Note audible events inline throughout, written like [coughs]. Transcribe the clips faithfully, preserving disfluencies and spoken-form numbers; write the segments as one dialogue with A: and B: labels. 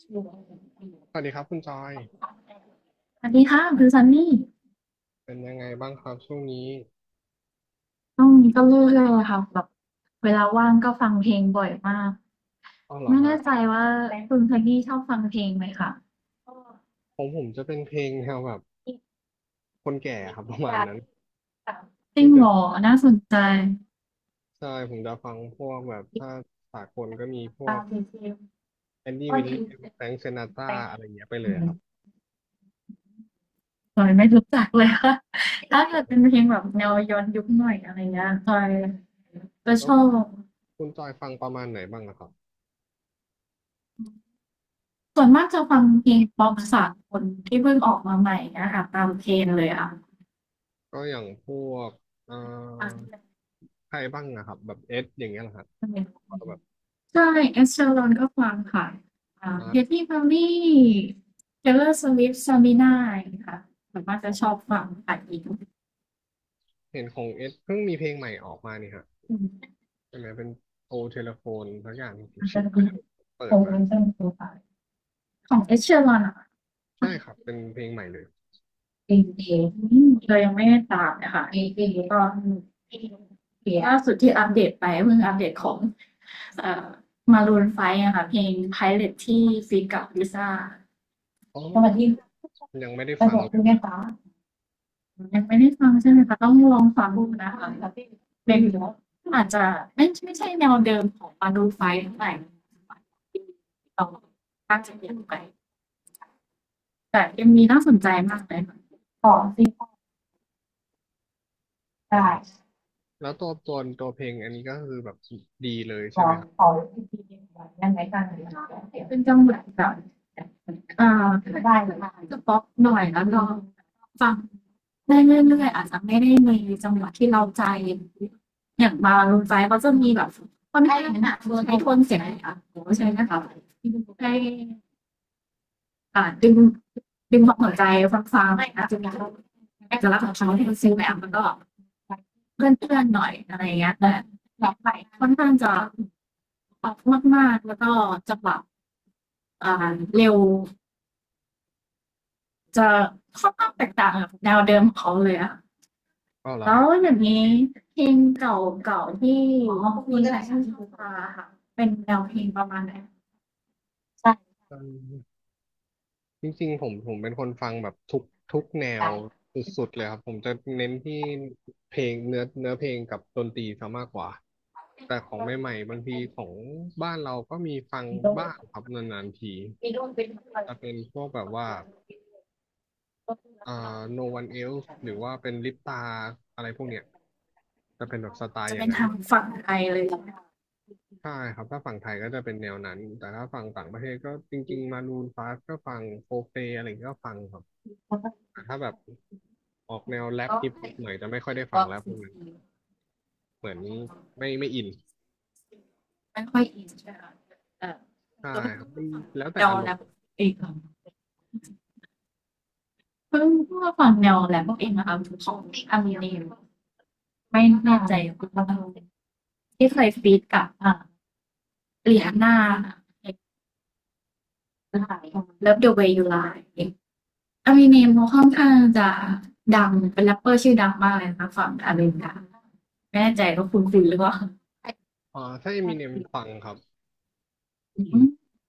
A: ส
B: สวัสดีครับคุณจอย
A: วัสดีค่ะคือซันนี่
B: เป็นยังไงบ้างครับช่วงนี้
A: ช่วงนี้ก็เรื่อยๆเลยค่ะแบบเวลาว่างก็ฟังเพลงบ่อยมาก
B: อ๋อเหรอ
A: ไม่
B: ฮะ
A: แน่ใจว่าคุณซันนี่ชอบฟังเพลงไหมคะก็
B: ผมผมจะเป็นเพลงแนวแบบ
A: อีก
B: คนแก่
A: เพล
B: ครับ [laughs] ป
A: ง
B: ระ
A: ไก
B: มาณนั้น
A: ด์สามจริ
B: ที่
A: ง
B: จะ
A: เหร
B: ช
A: อ
B: อบ
A: น่าสนใจ
B: ใช่ผมจะฟังพวกแบบถ้าสากลก็มีพวก
A: งเพลง
B: แอนดี้
A: ก็
B: วิลเลี
A: ดี
B: ยม
A: เป็
B: แฟรงค์ซินา
A: น
B: ต
A: แฟ
B: รา
A: น
B: อะไรเงี้ยไป
A: อื
B: เลยค
A: ม
B: รับ
A: จอยไม่รู้จักเลยค่ะ [laughs] ถ้าเกิดเป็นเพลงแบบแนวย้อนยุคหน่อยอะไรเงี้ยจอยจะ
B: แล้
A: ช
B: ว
A: อบ
B: คุณจอยฟังประมาณไหนบ้างอะครับ
A: ส่วนมากจะฟังเพลงป๊อปสากลที่เพิ่งออกมาใหม่อะค่ะตามเทรนด์เลยอะ
B: ก็อย่างพวกเอ่
A: ฟัง
B: อ
A: ที่แบบ
B: ใครบ้างนะครับแบบเอสอย่างเงี้ยเหรอฮะ
A: ัน [unintelligible] เป็
B: ก็แบบ
A: เใช่ Ed Sheeran ก็ฟังค่ะอ่า
B: มา
A: Katy Perry Taylor Swift Sabrina อย่างงี้ค่ะส่วนมากจะ
B: ออก
A: ชอบฟังค่ะอีก
B: เห็นของเอสเพิ่งมีเพลงใหม่ออกมานี่ฮะ
A: อืม
B: ใช่ไหมเป็นโอเทเลโฟนสักอย่าง [laughs] ที่ผม
A: อาจจะมี
B: เปิด
A: [unintelligible]
B: มา
A: ของ Ed Sheeran อะค่ะ
B: ใช่ครับ เป็นเพลงใหม่เลย
A: เองเองเรายังไม่ได้ตามนะคะเองเองตอนล่าสุดที่อัปเดตไปเพิ่งอัปเดตของเอ่อมารูนไฟว์อะค่ะเพลง Pilot ที่ฟีดกับลิซ่า
B: อ๋
A: สวัส
B: อ
A: ดี
B: ยังไม่ได้
A: ไป
B: ฟัง
A: บอก
B: เล
A: คุณแม่
B: ย
A: ฟ้ายังไม่ได้ฟังใช่ไหมคะต้องลองฟังดูนะคะมคะพี่เอาจจะไม่ไม่ใช่แนวเดิมของมารูนไฟว์เท่าไหร่เราตั้งใจเปลี่ยนไปแต่ยังมวีน่าสนใจมากเลยค่ะของสิบ
B: อ๋
A: ตา
B: อแล้วตัวตัวตัวเพลงอันนี้ก็คือแบบดีเลย
A: ข
B: ใช่
A: อ
B: ไหม
A: ง
B: ครับ
A: ของที่ดียังไงกันเป็นจังหวะแบบเอ่าได้หรือจะป๊อกหน่อยแล้วลองฟังได้เรื่อยๆอาจจะไม่ได้มีจังหวะที่เราใจอย่างบาลงใจก็จะมีแบบคนไทยหนักโดนให้ทนเสียงอ่ะโอ้ใช่ไหมคะได้ อ่าดึงดึงความสนใจฟังๆหน่อยนะจนเราเอกลักษณ์ของเขาที่มันซื้อแบบมันก็เพื่อนๆหน่อยอะไรเงี้ยแต่แบบไปค่อนข้างจะปอกบมากๆแล้วก็จะแรบอ่าเร็วจะค่อนข้างแตกต่างกับแนวเดิมของเขาเลยอะ
B: อ๋อเหรอ
A: แล้ว
B: ฮะ
A: อย่างนี้เพลงเก่าๆที่มีหลายชาติมาค่ะเป็นแนวเพลงประมาณไหน
B: อืมจริงๆผมผมเป็นคนฟังแบบทุกทุกแนวสุดๆเลยครับ ผมจะเน้นที่เพลงเนื้อเนื้อเพลงกับดนตรีซะมากกว่า แต่ของใหม่ๆบางทีของบ้านเราก็มีฟังบ้างครับนานๆที จะเป็นพวกแบบว่าอ่า No One Else หรือว่าเป็นลิปตาอะไรพวกเนี้ยจะเป็นแบบสไตล์
A: จะ
B: อย่าง
A: เป็น
B: นั้น
A: ทางฝั่งไทยเลย
B: ใช่ครับถ้าฝั่งไทยก็จะเป็นแนวนั้นแต่ถ้าฝั่งต่างประเทศก็จริงๆมารูนฟาสก็ฟังโฟเฟอะไรอย่างเงี้ยก็ฟังครับแต่ถ้าแบบออกแนวแรป
A: ก็
B: ฮิปฮอปหน่อยจะ
A: เก
B: ไม่ค่อยได้ฟัง
A: ็
B: แล้วพ
A: ซี
B: วกนั้น
A: ซี
B: เหมือนไม่ไม่อิน
A: ไม่ค่อยอินใช่ไหมคะเออ
B: ใช่
A: ตัว
B: ค
A: เพิ่
B: รับ
A: ง
B: มั
A: มา
B: น
A: ฟัง
B: แล้วแต่
A: แนว
B: อาร
A: แร
B: ม
A: ป
B: ณ์
A: เองค่ะเพิ่งเพิ่งมาฟังแนวแรปเองนะคะของอามิเนมไม่แน่ใจคุณพ่อที่เคยฟีดกับเลียนหน้าเลิฟเดอะเวย์ยูไลอามิเนมเขาค่อนข้างจะดังเป็นแรปเปอร์ชื่อดังมากเลยนะคะฝั่งอเมริกาไม่แน่ใจว่าคุณฟิลหรือเปล่า
B: อ่าถ้าเอมิเนมฟังครับอืม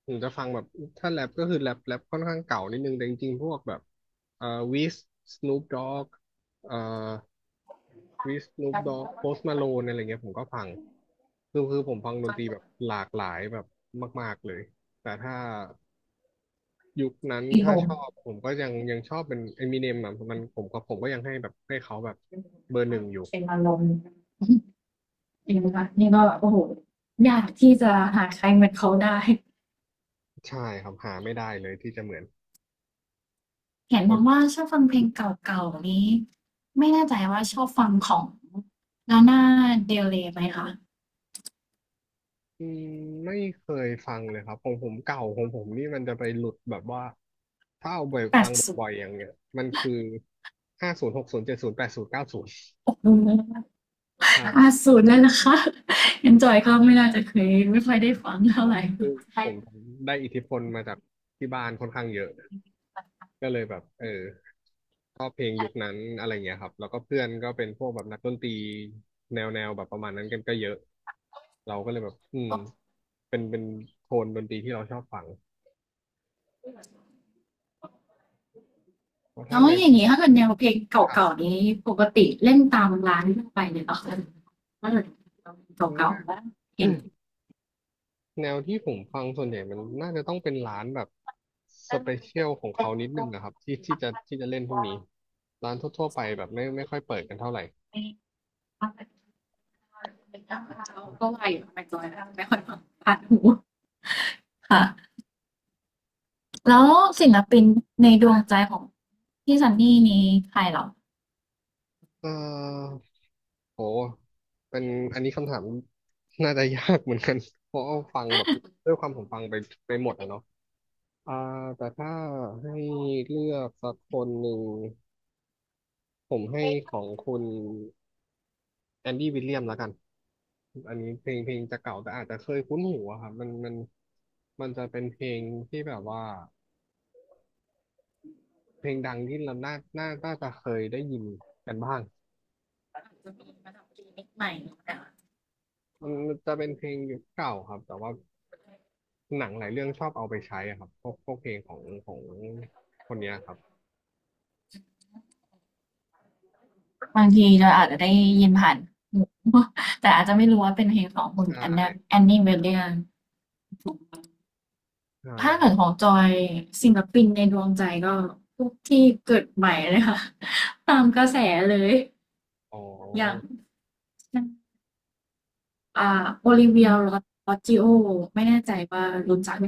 B: ผมจะฟังแบบถ้าแรปก็คือแรปแรปค่อนข้างเก่านิดนึงแต่จริงๆพวกแบบเอ่อวิสสนูปด็อกเอ่อ วิสนูปด็อกโพสมาโลนอะไรเงี้ยผมก็ฟัง คือคือผมฟังดนตรีแบบหลากหลายแบบมากๆเลย แต่ถ้ายุคนั้น
A: อีผ
B: ถ้า
A: ม
B: ชอบผมก็ยังยังชอบเป็นเอมิเนมอ่ะมันผมก็ผมก็ยังให้แบบให้เขาแบบเบอร์หนึ่งอยู่
A: เป็นอารมณ์องนีค่ะนี่ก็แบบโอ้โหอยากที่จะหาใครเหมือนเขาได้
B: ใช่ครับหาไม่ได้เลยที่จะเหมือน
A: เห็น
B: พอ
A: บอกว่าชอบฟังเพลงเก่าๆนี้ไม่แน่ใจว่าชอบฟังของ Lana Del Rey ไหมคะ
B: อืมไม่เคยฟังเลยครับของผมเก่าของผมนี่มันจะไปหลุดแบบว่าถ้าเอาไปฟัง
A: แปดสิบ
B: บ่อยๆอย่างเงี้ยมันคือห้าศูนย์หกศูนย์เจ็ดศูนย์แปดศูนย์เก้าศูนย์ใช่
A: แปดสิบแล้วนะคะ [laughs] ยังจอยก็ไม่น่าจะเคยไม่ค่อยได้ฟังเท่า
B: ใช่
A: ไหร่
B: คือผมได้อิทธิพลมาจากที่บ้านค่อนข้างเยอะก็เลยแบบเออชอบเพลงยุคนั้นอะไรเงี้ยครับแล้วก็เพื่อนก็เป็นพวกแบบนักดนตรีแนวแนวแบบประมาณนั้นกันก็เยอะเราก็เลยแบบอืมเป็นเป็นโทนดนตรีที่เราชอบฟังเพราะ
A: แล้
B: ถ้า
A: ว
B: ไม่
A: อย่างนี้ถ้าเกิดแนวเพลงเ
B: ครั
A: ก่า
B: บ
A: ๆนี้ปกติเล่นตามร้านทั่วไปเนี่ยเหรอคะ็่าเกิดเก่าๆบ้างเห็น
B: แนวที่ผมฟังส่วนใหญ่มันน่าจะต้องเป็นร้านแบบสเปเชียลของเขานิดนึงนะครับที่ที่จะที่จะเล่นพวกนี้ร้านทั่วๆไปแบบไม่ไม่ค่อยเปิดกันเท่าไหร่
A: ไม่ไม่ไม่ก็ว่าอยู่ทำไมจอยไม่ค่อยฟังผ่านหูค่ะ แล้วศิลปินในดวงใจของพี่ซันนี่นี่ใครเหรอ
B: เอ่อโหเป็นอันนี้คำถามน่าจะยากเหมือนกัน [laughs] เพราะว่าฟังแบบด้วยความผมฟังไปไปหมดอ่ะเนาะอ่าแต่ถ้าให้เลือกสักคนหนึ่งผมให้ของคุณแอนดี้วิลเลียมแล้วกันอันนี้เพลงเพลงจะเก่าแต่อาจจะเคยคุ้นหูอะครับมันมันมันจะเป็นเพลงที่แบบว่าเพลงดังที่เราน่าน่าน่าจะเคยได้ยินกันบ้าง
A: ใหม่
B: มันจะเป็นเพลงยุคเก่าครับแต่ว่า หนังหลายเรื่องชอบเอาไปใช้อะครับพวกพวกเพลงของของคนเนี้ยครับ
A: บางทีเราอาจจะได้ยินผ่านหูแต่อาจจะไม่รู้ว่าเป็นเพลงของคุณ
B: ใช่
A: แอนแอนนี่เวเลียน
B: ใช่
A: ถ้า
B: ครั
A: เกิ
B: บ
A: ดของจอยศิลปินในดวงใจก็พวกที่เกิดใหม่เลยค่ะ [laughs] ตามกระแสเลย
B: อ๋อ
A: อย่างอ่าโอลิเวียโรจิโอไม่แน่ใจว่ารู้จักไหม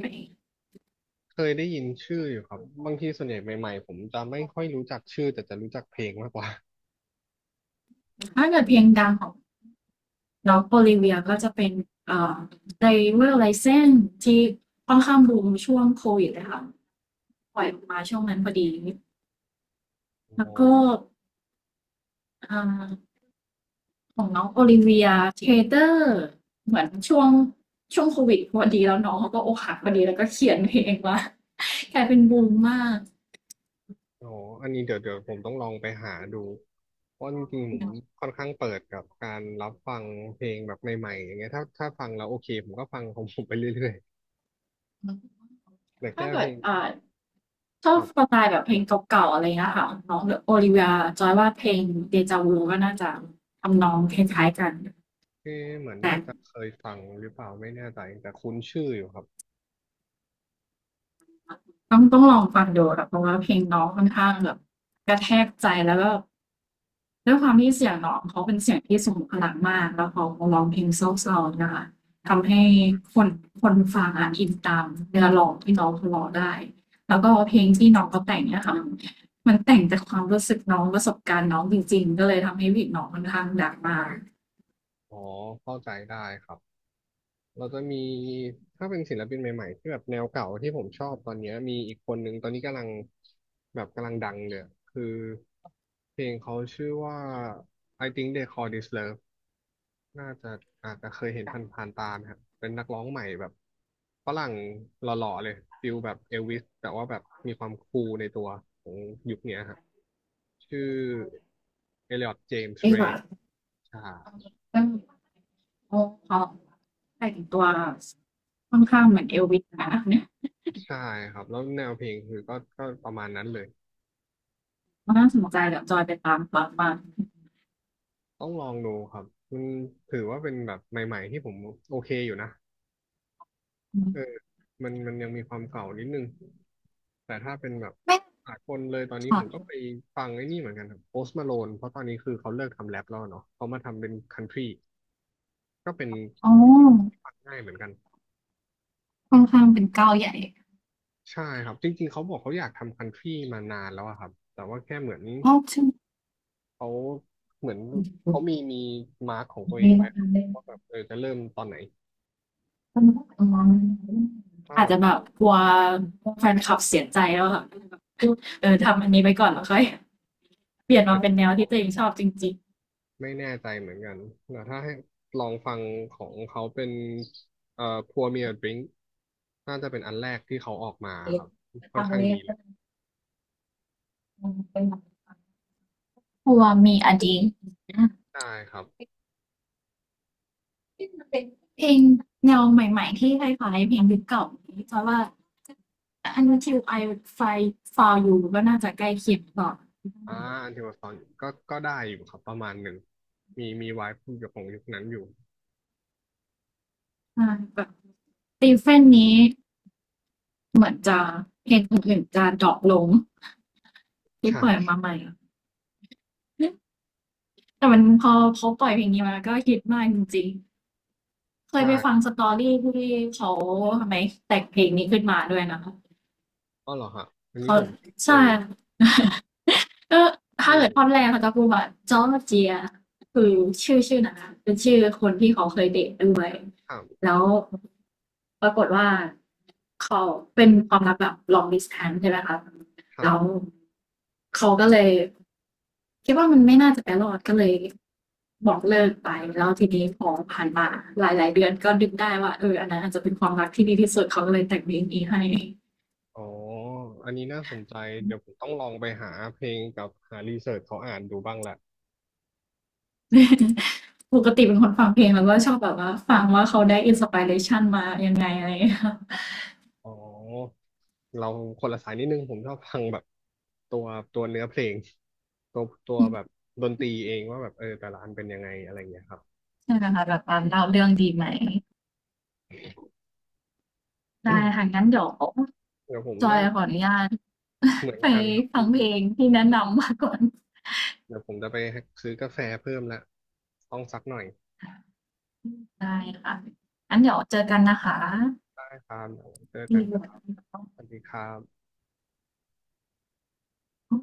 B: เคยได้ยินชื่ออยู่ครับบางทีส่วนใหญ่ใหม่ๆผมจะไม่ค่อยรู้จักชื่อแต่จะรู้จักเพลงมากกว่า
A: ถ้าเกิดเพลงดังของ แล้วโบลิเวียก็จะเป็นเอ่อ driver license ที่ค่อนข้างบูมช่วงโควิดเลยค่ะปล่อยออกมาช่วงนั้นพอดีแล้วก็อ่าของน้องโอลิเวียเทเตอร์เหมือนช่วงช่วงโควิดพอดีแล้วน้องเขาก็อกหักพอดีแล้วก็เขียนเพลงว่า [laughs] กลายเป็นบูมมาก
B: อ๋ออันนี้เดี๋ยวเดี๋ยวผมต้องลองไปหาดูเพราะจริงๆผมค่อนข้างเปิดกับการรับฟังเพลงแบบใหม่ๆอย่างเงี้ยถ้าถ้าฟังแล้วโอเคผมก็ฟังของผมไปเรื่อยๆแต่
A: ถ้า
B: แค่เพ
A: เกิ
B: ล
A: ด
B: ง
A: อ่าช
B: ค
A: อบ
B: รับ
A: สไตล์แบบเพลงเก่าๆอะไรเงี้ยค่ะน้องโอลิเวียจอยว่าเพลงเดจาวูก็น่าจะทำนองคล้ายๆกัน
B: เอ๊ะเหมือนน่า
A: นะ
B: จะเคยฟังหรือเปล่าไม่แน่ใจแต่คุ้นชื่ออยู่ครับ
A: ต้องต้องลองฟังดูค่ะเพราะว่าเพลงน้องค่อนข้างแบบกระแทกใจแล้วก็ด้วยความที่เสียงน้องเขาเป็นเสียงที่ทรงพลังมากแล้วเขาร้องเพลงเศร้าๆนะคะทำให้คนคนฟังอ่ะอินตามเนื้อร้องที่น้องเขาร้องได้แล้วก็เพลงที่น้องเขาแต่งเนี่ยค่ะมันแต่งจากความรู้สึกน้องประสบการณ์น้องจริงๆก็เลยทำให้วิกน้องค่อนข้างดังมาก
B: อ๋อเข้าใจได้ครับ เราจะมีถ้าเป็นศิลปินใหม่ๆที่แบบแนวเก่าที่ผมชอบตอนเนี้ยมีอีกคนนึงตอนนี้กำลังแบบกำลังดังเลยอะคือเพลงเขาชื่อว่า I think they call this love น่าจะอาจจะเคยเห็นผ่านๆตานะครับเป็นนักร้องใหม่แบบฝรั่งหล่อๆเลยฟิลแบบเอลวิสแต่ว่าแบบมีความคูลในตัวของยุคเนี้ยครับชื่อเอลิออตเจมส์
A: เอ้ย
B: เร
A: แบ
B: ย์
A: บ
B: ใช่
A: เรื่องโอ้เขาแต่งตัวค่อนข้างเหมือนเอลวิสนะ
B: ใช่ครับแล้วแนวเพลงคือก็ก็ประมาณนั้นเลย
A: น่าสนใจเดี๋ยวจอยไปตามฟังบ้าง
B: ต้องลองดูครับมันถือว่าเป็นแบบใหม่ๆที่ผมโอเคอยู่นะ
A: อืม
B: เออมันมันยังมีความเก่านิดนึงแต่ถ้าเป็นแบบ
A: ไม่
B: สากลเลยตอน
A: ค
B: นี้ผมก็ไป
A: ่ะ
B: ฟังไอ้นี่เหมือนกันครับโพสต์มาโลนเพราะตอนนี้คือเขาเลิกทำแรปแล้วเนาะเขามาทำเป็นคันทรีก็เป็น
A: อ๋อ
B: ฟังง่ายเหมือนกัน
A: ค่อนข้างเป็นเก้าใหญ่
B: ใช่ครับจริงๆเขาบอกเขาอยากทำคันทรีมานานแล้วอะครับแต่ว่าแค่เหมือน
A: ชอบชื่อ
B: เขาเหมือนเขามีมีมาร์กของตัวเอง
A: มี
B: ไว้
A: บ้าง
B: ค
A: อั
B: รับ
A: นเล่น
B: ว่าแบบเออจะเริ่มตอนไหน
A: อืมอง
B: ถ้า
A: อา
B: แบ
A: จจะ
B: บ
A: แบบกลัวแฟนคลับเสียใจแล้วค่ะเออทำอันนี้ไปก่อนแล้วค่อยเปลี่ยน
B: มั
A: มา
B: น
A: เป็นแนวที่ตัวเองชอบจริง
B: ไม่แน่ใจเหมือนกันแต่ถ้าให้ลองฟังของเขาเป็นเอ่อ Pour Me a Drink น่าจะเป็นอันแรกที่เขาออกมาครับค่อนข้างดีเลย
A: กลัวมีอดีตนะ
B: ได้ครับ
A: เพลงแนวใหม่ๆที่คล้ายๆเพลงยุคเก่านี้เพราะว่าๆอันที่ I find for you ก็น่าจะใกล้เคียงต่อ
B: อ่าอันที่มาตอนก็ก็ได้อยู่ครับประมาณหนึ่งมีมีไวฟ์อยู่ของยุคนั้นอยู่
A: แบบ ตีเฟนนี้เหมือนจะเพลงอื่นๆจะดรอปลงที่ปล่อย
B: ใช่
A: มาใหม่แต่มันพอเขาปล่อยเพลงนี้มาก็ฮิตมากจริงๆเคย
B: ใช่
A: ไปฟังสตอรี่ที่เขาทำไมแต่งเพลงนี้ขึ้นมาด้วยนะคะ
B: อ๋อเหรอฮะอันนี้
A: เขา
B: ผมไม่เค
A: ใช่
B: ย
A: [laughs] ก็
B: เอ
A: ถ้าเกิ
B: อ
A: ดท่อนแรกเขาจะพูดว่าจอร์เจียคือชื่อชื่อนั้นนะเป็นชื่อคนที่เขาเคยเดทด้วย
B: ครับ
A: แล้วปรากฏว่าเขาเป็นความรักแบบ long distance ใช่ไหมคะ
B: ครั
A: แล้ว
B: บ
A: เขาก็เลยคิดว่ามันไม่น่าจะไปรอดก็เลยบอกเลิกไปแล้วทีนี้พอผ่านมาหลายๆเดือนก็ดึกได้ว่าเอออันนั้นอาจจะเป็นความรักที่ดีที่สุดเขาก็เลยแต่งเพลงนี้ให้
B: อ๋ออันนี้น่าสนใจเดี๋ยวผมต้องลองไปหาเพลงกับหารีเสิร์ชเขาอ่านดูบ้างละ
A: [laughs] ปกติเป็นคนฟังเพลงแล้วก็ชอบแบบว่าฟังว่าเขาได้ inspiration มายังไงอะไรอย่างเงี้ยค่ะ
B: อ๋อเราคนละสายนิดนึงผมชอบฟังแบบตัวตัวเนื้อเพลงตัวตัวแบบดนตรีเองว่าแบบเออแต่ละอันเป็นยังไงอะไรอย่างเงี้ยครับ
A: [laughs] ใช่ค่ะแบบตาาเล่าเรื่องดีไหมได้
B: [coughs]
A: ค่ะงั้นเดี๋ยว
B: เดี๋ยวผม
A: จอย
B: น่า
A: ขอ
B: จะ
A: อนุญาต
B: เหมื
A: [laughs]
B: อน
A: ไป
B: กันครับ
A: ฟังเพล
B: พี่
A: งที่แนะนำมาก่อน
B: เดี๋ยวผมจะไปซื้อกาแฟเพิ่มละต้องสักหน่อย
A: ได้ค่ะงั้นเดี๋ยวเจอกันนะคะ
B: ได้ครับเดี๋ยวเจอกันครับสวัสดีครับ